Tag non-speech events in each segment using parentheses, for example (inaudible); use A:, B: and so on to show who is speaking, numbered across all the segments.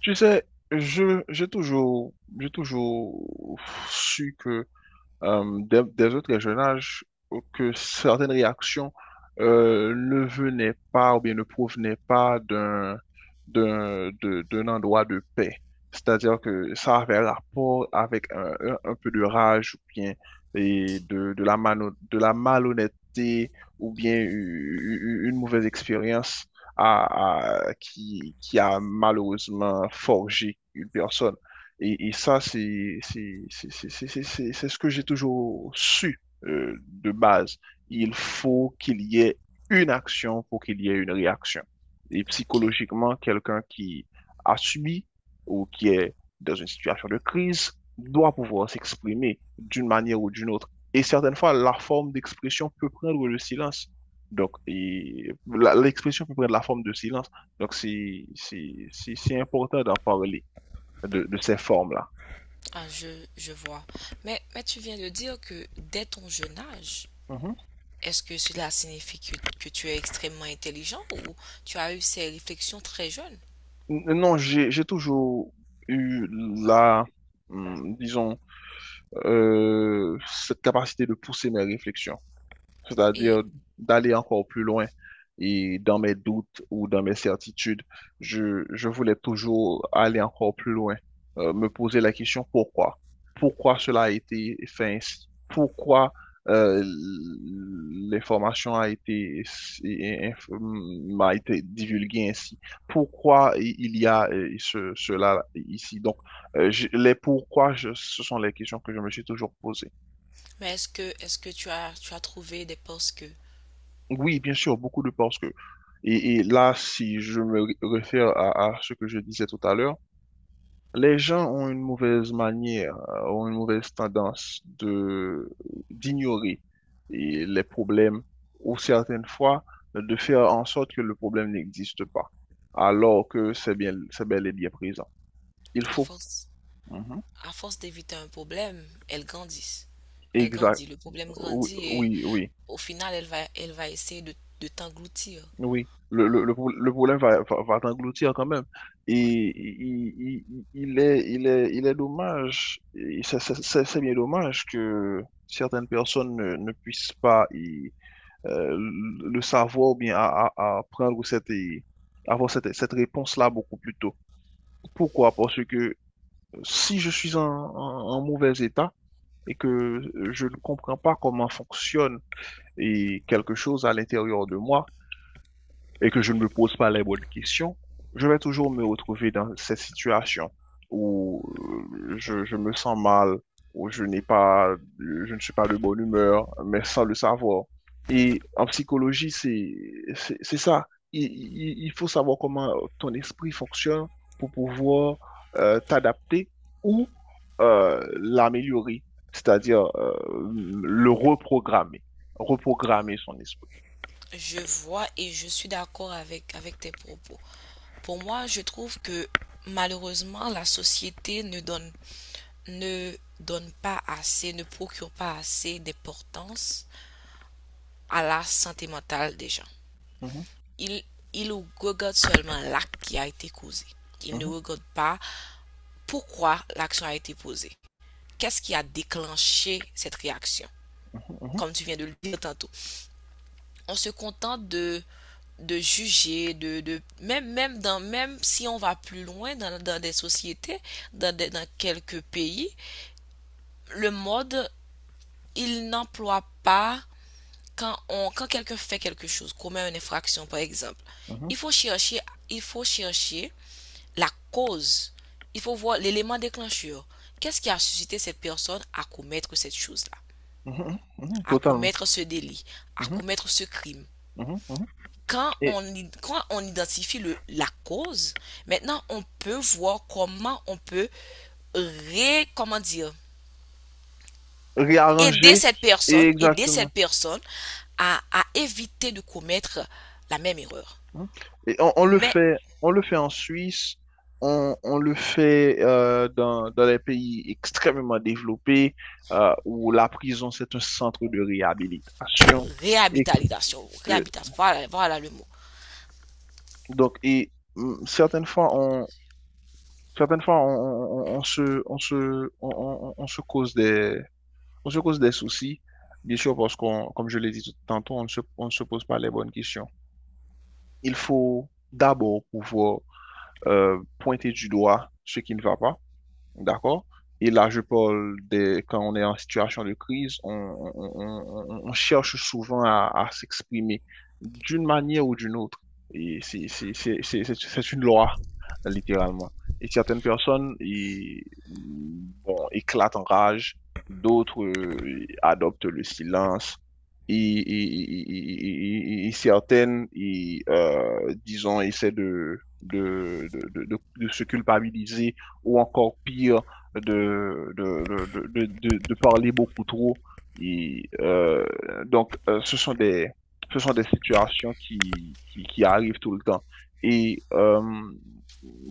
A: Tu sais, je, j'ai toujours, j'ai toujours su que des autres régionnages que certaines réactions ne venaient pas ou bien ne provenaient pas d'un endroit de paix. C'est-à-dire que ça avait rapport avec un peu de rage ou bien et de la malhonnêteté ou bien
B: Hmm,
A: une mauvaise expérience qui a malheureusement forgé une personne. Et ça, c'est ce que j'ai toujours su, de base. Il faut qu'il y ait une action pour qu'il y ait une réaction. Et
B: ok.
A: psychologiquement, quelqu'un qui a subi ou qui est dans une situation de crise doit pouvoir s'exprimer d'une manière ou d'une autre. Et certaines fois, la forme d'expression peut prendre le silence. Donc, l'expression peut prendre la forme de silence. Donc, c'est important d'en parler de ces formes-là.
B: Ah, je vois. Mais tu viens de dire que dès ton jeune âge,
A: Mhm.
B: est-ce que cela signifie que tu es extrêmement intelligent ou tu as eu ces réflexions très jeune?
A: Non, j'ai toujours eu la, disons, cette capacité de pousser mes réflexions.
B: Et,
A: C'est-à-dire d'aller encore plus loin. Et dans mes doutes ou dans mes certitudes, je voulais toujours aller encore plus loin, me poser la question: pourquoi? Pourquoi cela a été fait ainsi? Pourquoi euh, l'information a été, m'a été divulguée ainsi? Pourquoi il y a cela ici? Donc, les pourquoi, ce sont les questions que je me suis toujours posées.
B: mais est-ce que tu as trouvé des postes que,
A: Oui, bien sûr, beaucoup de parce que, et là, si je me réfère à ce que je disais tout à l'heure, les gens ont une mauvaise manière, ont une mauvaise tendance de d'ignorer et les problèmes, ou certaines fois, de faire en sorte que le problème n'existe pas, alors que c'est bien, c'est bel et bien présent. Il
B: à
A: faut.
B: force,
A: Mhm.
B: à force d'éviter un problème, elles grandissent. Elle
A: Exact.
B: grandit, le problème
A: Oui,
B: grandit et
A: oui, oui.
B: au final, elle va essayer de t'engloutir.
A: Oui, le problème va t'engloutir quand même.
B: Ouais.
A: Et il, il, il il est dommage, c'est bien dommage que certaines personnes ne puissent pas le savoir, ou bien à prendre cette, et avoir cette réponse-là beaucoup plus tôt. Pourquoi? Parce que si je suis en mauvais état et que je ne comprends pas comment fonctionne et quelque chose à l'intérieur de moi, et que je ne me pose pas les bonnes questions, je vais toujours me retrouver dans cette situation où je me sens mal, où je n'ai pas, je ne suis pas de bonne humeur, mais sans le savoir. Et en psychologie, c'est ça. Il il faut savoir comment ton esprit fonctionne pour pouvoir t'adapter ou l'améliorer, c'est-à-dire le reprogrammer, reprogrammer son esprit.
B: Je vois et je suis d'accord avec, avec tes propos. Pour moi, je trouve que malheureusement, la société ne donne, ne donne pas assez, ne procure pas assez d'importance à la santé mentale des gens.
A: Mhm,
B: Il, il regarde seulement l'acte qui a été causé. Il ne
A: mhm,
B: regarde pas pourquoi l'action a été posée. Qu'est-ce qui a déclenché cette réaction?
A: mhm, mhm,
B: Comme tu viens de le dire tantôt, on se contente de juger, de même, même, dans, même si on va plus loin dans, dans des sociétés, dans, dans quelques pays, le mode, il n'emploie pas quand, on, quand quelqu'un fait quelque chose, commet une infraction par exemple.
A: mhm,
B: Il faut chercher, il faut chercher la cause. Il faut voir l'élément déclencheur. Qu'est-ce qui a suscité cette personne à commettre cette chose-là,
A: mhm, mhm, mhm,
B: à
A: totalement.
B: commettre ce délit, à
A: Mhm,
B: commettre ce crime?
A: mhm, mhm.
B: quand
A: Et
B: on, quand on identifie le, la cause, maintenant on peut voir comment on peut ré, comment dire,
A: réarranger, et
B: aider cette
A: exactement.
B: personne à éviter de commettre la même erreur.
A: Mhm. Et on le
B: Mais
A: fait, en Suisse, on le fait dans les pays extrêmement développés, où la prison, c'est un centre de réhabilitation.
B: réhabilitation, réhabilitation, voilà, voilà le mot.
A: Donc, certaines fois, certaines fois, on, on- on se cause des, on se cause des soucis, bien sûr, parce qu'on, comme je l'ai dit tantôt, on ne se pose pas les bonnes questions. Il faut d'abord pouvoir pointer du doigt ce qui ne va pas. D'accord? Et là, je parle quand on est en situation de crise, on cherche souvent à s'exprimer d'une manière ou d'une autre. Et c'est une loi, littéralement. Et certaines personnes, bon, éclatent en rage, d'autres adoptent le silence. Et certaines, disons, essaient de, se culpabiliser, ou encore pire, de parler beaucoup trop. Et, euh, donc, ce sont des situations qui arrivent tout le temps. Et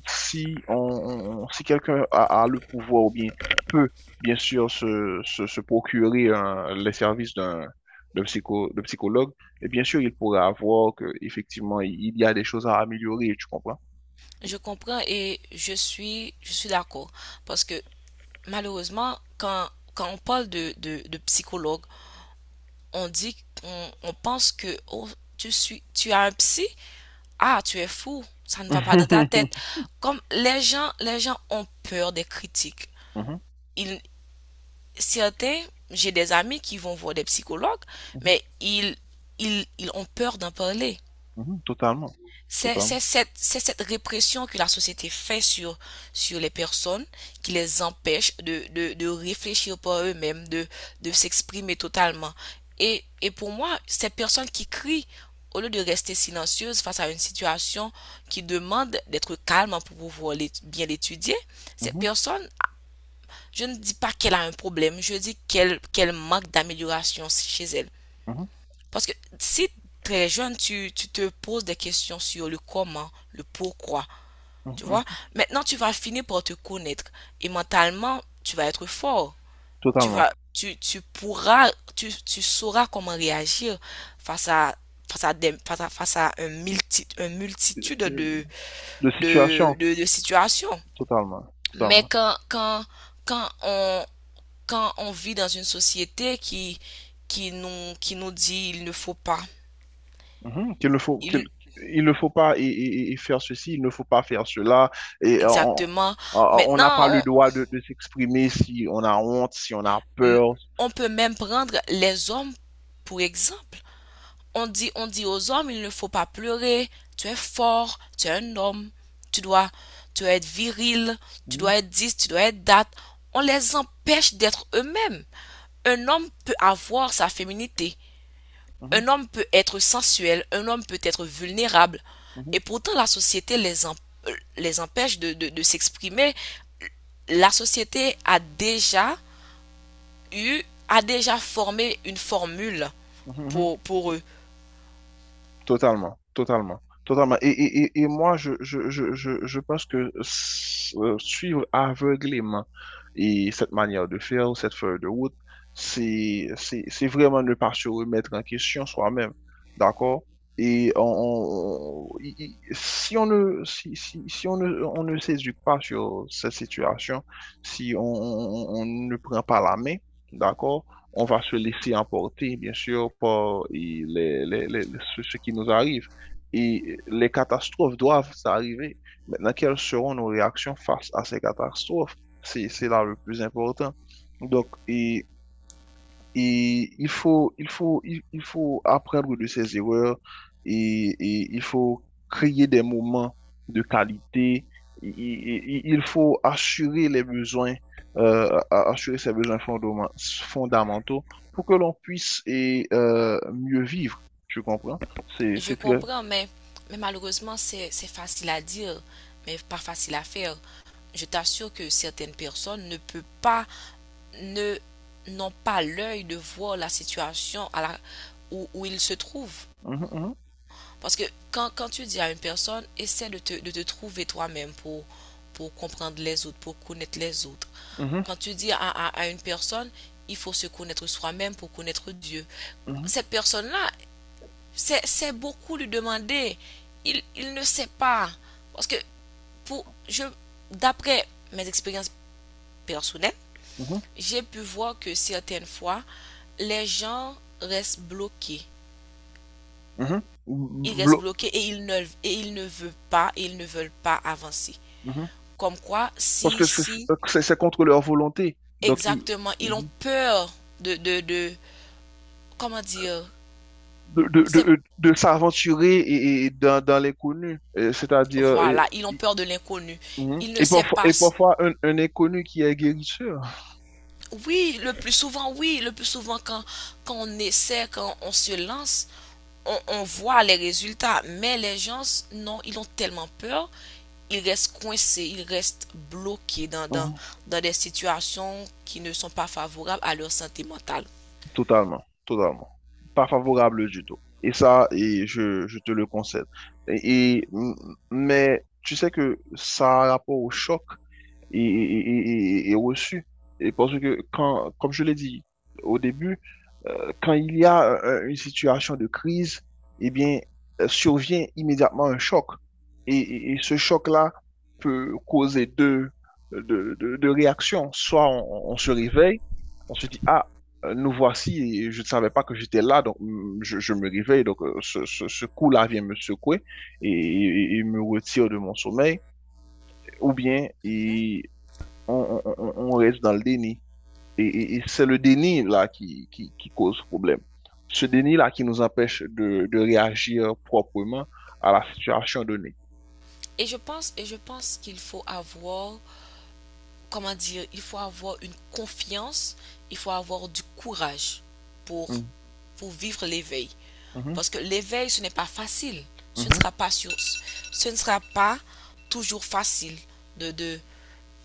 A: si, on- si quelqu'un a le pouvoir, ou bien peut, bien sûr, se procurer les services de psychologue, et bien sûr, il pourra avoir que, effectivement, il y a des choses à améliorer. Tu comprends?
B: Je comprends et je suis d'accord parce que malheureusement, quand, quand on parle de psychologue, on dit, on pense que oh, tu suis, tu as un psy, ah, tu es fou, ça ne va pas dans ta tête.
A: (laughs)
B: Comme les gens ont peur des critiques.
A: Mhm,
B: Ils, certains, j'ai des amis qui vont voir des psychologues,
A: mhm.
B: mais ils, ils ont peur d'en parler.
A: Mhm, totalement,
B: C'est
A: totalement,
B: c'est cette répression que la société fait sur, sur les personnes qui les empêche de réfléchir par eux-mêmes, de s'exprimer totalement. Et pour moi, ces personnes qui crient, au lieu de rester silencieuses face à une situation qui demande d'être calme pour pouvoir bien l'étudier, cette
A: mhm,
B: personne, je ne dis pas qu'elle a un problème, je dis qu'elle manque d'amélioration chez elle.
A: mhm,
B: Parce que si très jeune, tu te poses des questions sur le comment, le pourquoi,
A: mhm,
B: tu vois,
A: mhm,
B: maintenant tu vas finir par te connaître et mentalement, tu vas être fort. Tu
A: totalement.
B: vas, tu pourras, tu sauras comment réagir face à, face à, face à, face à un multi, une multitude
A: Euh, De situation,
B: de situations.
A: totalement,
B: Mais
A: totalement.
B: quand, quand, quand on, quand on vit dans une société qui nous dit il ne faut pas,
A: Mhm. Qu'il ne faut, qu'il,
B: il,
A: il ne faut pas, et faire ceci, il ne faut pas faire cela. Et
B: Exactement.
A: euh, on
B: Maintenant,
A: n'a pas le
B: on,
A: droit de s'exprimer si on a honte, si on a
B: m-
A: peur.
B: on peut même prendre les hommes pour exemple. On dit aux hommes, il ne faut pas pleurer, tu es fort, tu es un homme, tu dois, tu dois être viril, tu
A: Mhm,
B: dois être 10, tu dois être date. On les empêche d'être eux-mêmes. Un homme peut avoir sa féminité,
A: mhm,
B: un homme peut être sensuel, un homme peut être vulnérable, et
A: mhm,
B: pourtant la société les, les empêche de, de s'exprimer. La société a déjà eu, a déjà formé une formule
A: mhm, mhm.
B: pour eux.
A: Totalement, totalement, totalement. Et moi, je pense que suivre aveuglément cette manière de faire, ou cette feuille de route, c'est vraiment ne pas se remettre en question soi-même. D'accord? Et si on ne, si, si, si on ne, on ne s'éduque pas sur cette situation, si on ne prend pas la main, d'accord? On va se laisser emporter, bien sûr, par ce qui nous arrive. Et les catastrophes doivent arriver. Maintenant, quelles seront nos réactions face à ces catastrophes? C'est là le plus important. Donc, il faut apprendre de ses erreurs, et il faut créer des moments de qualité. Il il faut assurer les besoins, assurer ses besoins fondamentaux, pour que l'on puisse, mieux vivre. Tu comprends?
B: Je
A: C'est très.
B: comprends, mais malheureusement, c'est facile à dire, mais pas facile à faire. Je t'assure que certaines personnes ne peuvent pas, n'ont pas l'œil de voir la situation à la, où, où ils se trouvent.
A: Mhm,
B: Parce que quand, quand tu dis à une personne, essaie de te trouver toi-même pour comprendre les autres, pour connaître les autres.
A: mhm,
B: Quand tu dis à, à une personne, il faut se connaître soi-même pour connaître Dieu.
A: mhm,
B: Cette personne-là, c'est beaucoup lui demander. Il ne sait pas. Parce que pour, je, d'après mes expériences personnelles,
A: mhm,
B: j'ai pu voir que certaines fois, les gens restent bloqués
A: mhm,
B: ils
A: mhm.
B: restent bloqués et ils ne veulent pas, et ils ne veulent pas avancer.
A: Mhm.
B: Comme quoi,
A: Parce
B: si,
A: que
B: si,
A: c'est contre leur volonté. Donc, ils.
B: exactement, ils ont
A: mmh,
B: peur de comment dire,
A: de, de,
B: c'est,
A: de, de s'aventurer dans, l'inconnu. C'est-à-dire,
B: voilà, ils ont
A: y-
B: peur de l'inconnu.
A: mhm.
B: Ils ne
A: et,
B: savent
A: parfois,
B: pas.
A: et parfois un inconnu qui est guérisseur.
B: Oui, le plus souvent, oui, le plus souvent quand, quand on essaie, quand on se lance, on voit les résultats. Mais les gens, non, ils ont tellement peur, ils restent coincés, ils restent bloqués dans, dans,
A: Hum.
B: dans des situations qui ne sont pas favorables à leur santé mentale.
A: Totalement, totalement. Pas favorable du tout. Et ça, et je te le concède. Et- m- mais tu sais que ça a rapport au choc et reçu. Et parce que, comme je l'ai dit au début, quand il y a une situation de crise, eh bien, survient immédiatement un choc. Et ce choc-là peut causer deux, deux réactions. Soit on se réveille, on se dit, ah, nous voici, et je ne savais pas que j'étais là, donc, je me réveille, donc ce coup-là vient me secouer et me retire de mon sommeil, ou bien on, on reste dans le déni. Et c'est le déni là qui, qui cause problème. Ce déni là qui nous empêche de réagir proprement à la situation donnée.
B: Et je pense qu'il faut avoir comment dire, il faut avoir une confiance, il faut avoir du courage pour,
A: Mhm,
B: pour vivre l'éveil. Parce que l'éveil, ce n'est pas facile. Ce ne
A: mhm,
B: sera pas, ce ne sera pas toujours facile de, de,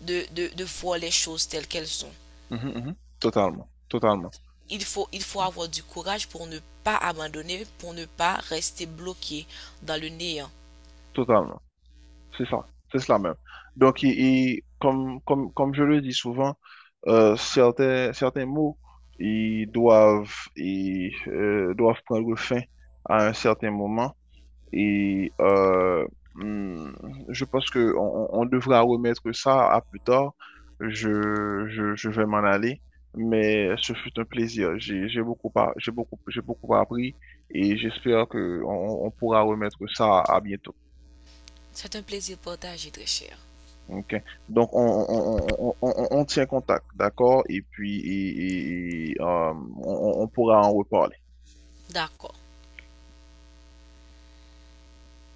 B: de voir les choses telles qu'elles sont.
A: mhm, mhm, mhm. Totalement, totalement,
B: Il faut avoir du courage pour ne pas abandonner, pour ne pas rester bloqué dans le néant.
A: totalement. C'est ça, c'est cela même. Donc, comme je le dis souvent, certains mots, ils doivent prendre fin à un certain moment. Et euh, hmm, je pense que on devra remettre ça à plus tard. Je vais m'en aller, mais ce fut un plaisir. J'ai beaucoup appris, et j'espère que on pourra remettre ça à bientôt.
B: C'est un plaisir partagé, très cher.
A: OK. Donc, on tient contact, d'accord? Et puis, on pourra en reparler.
B: D'accord.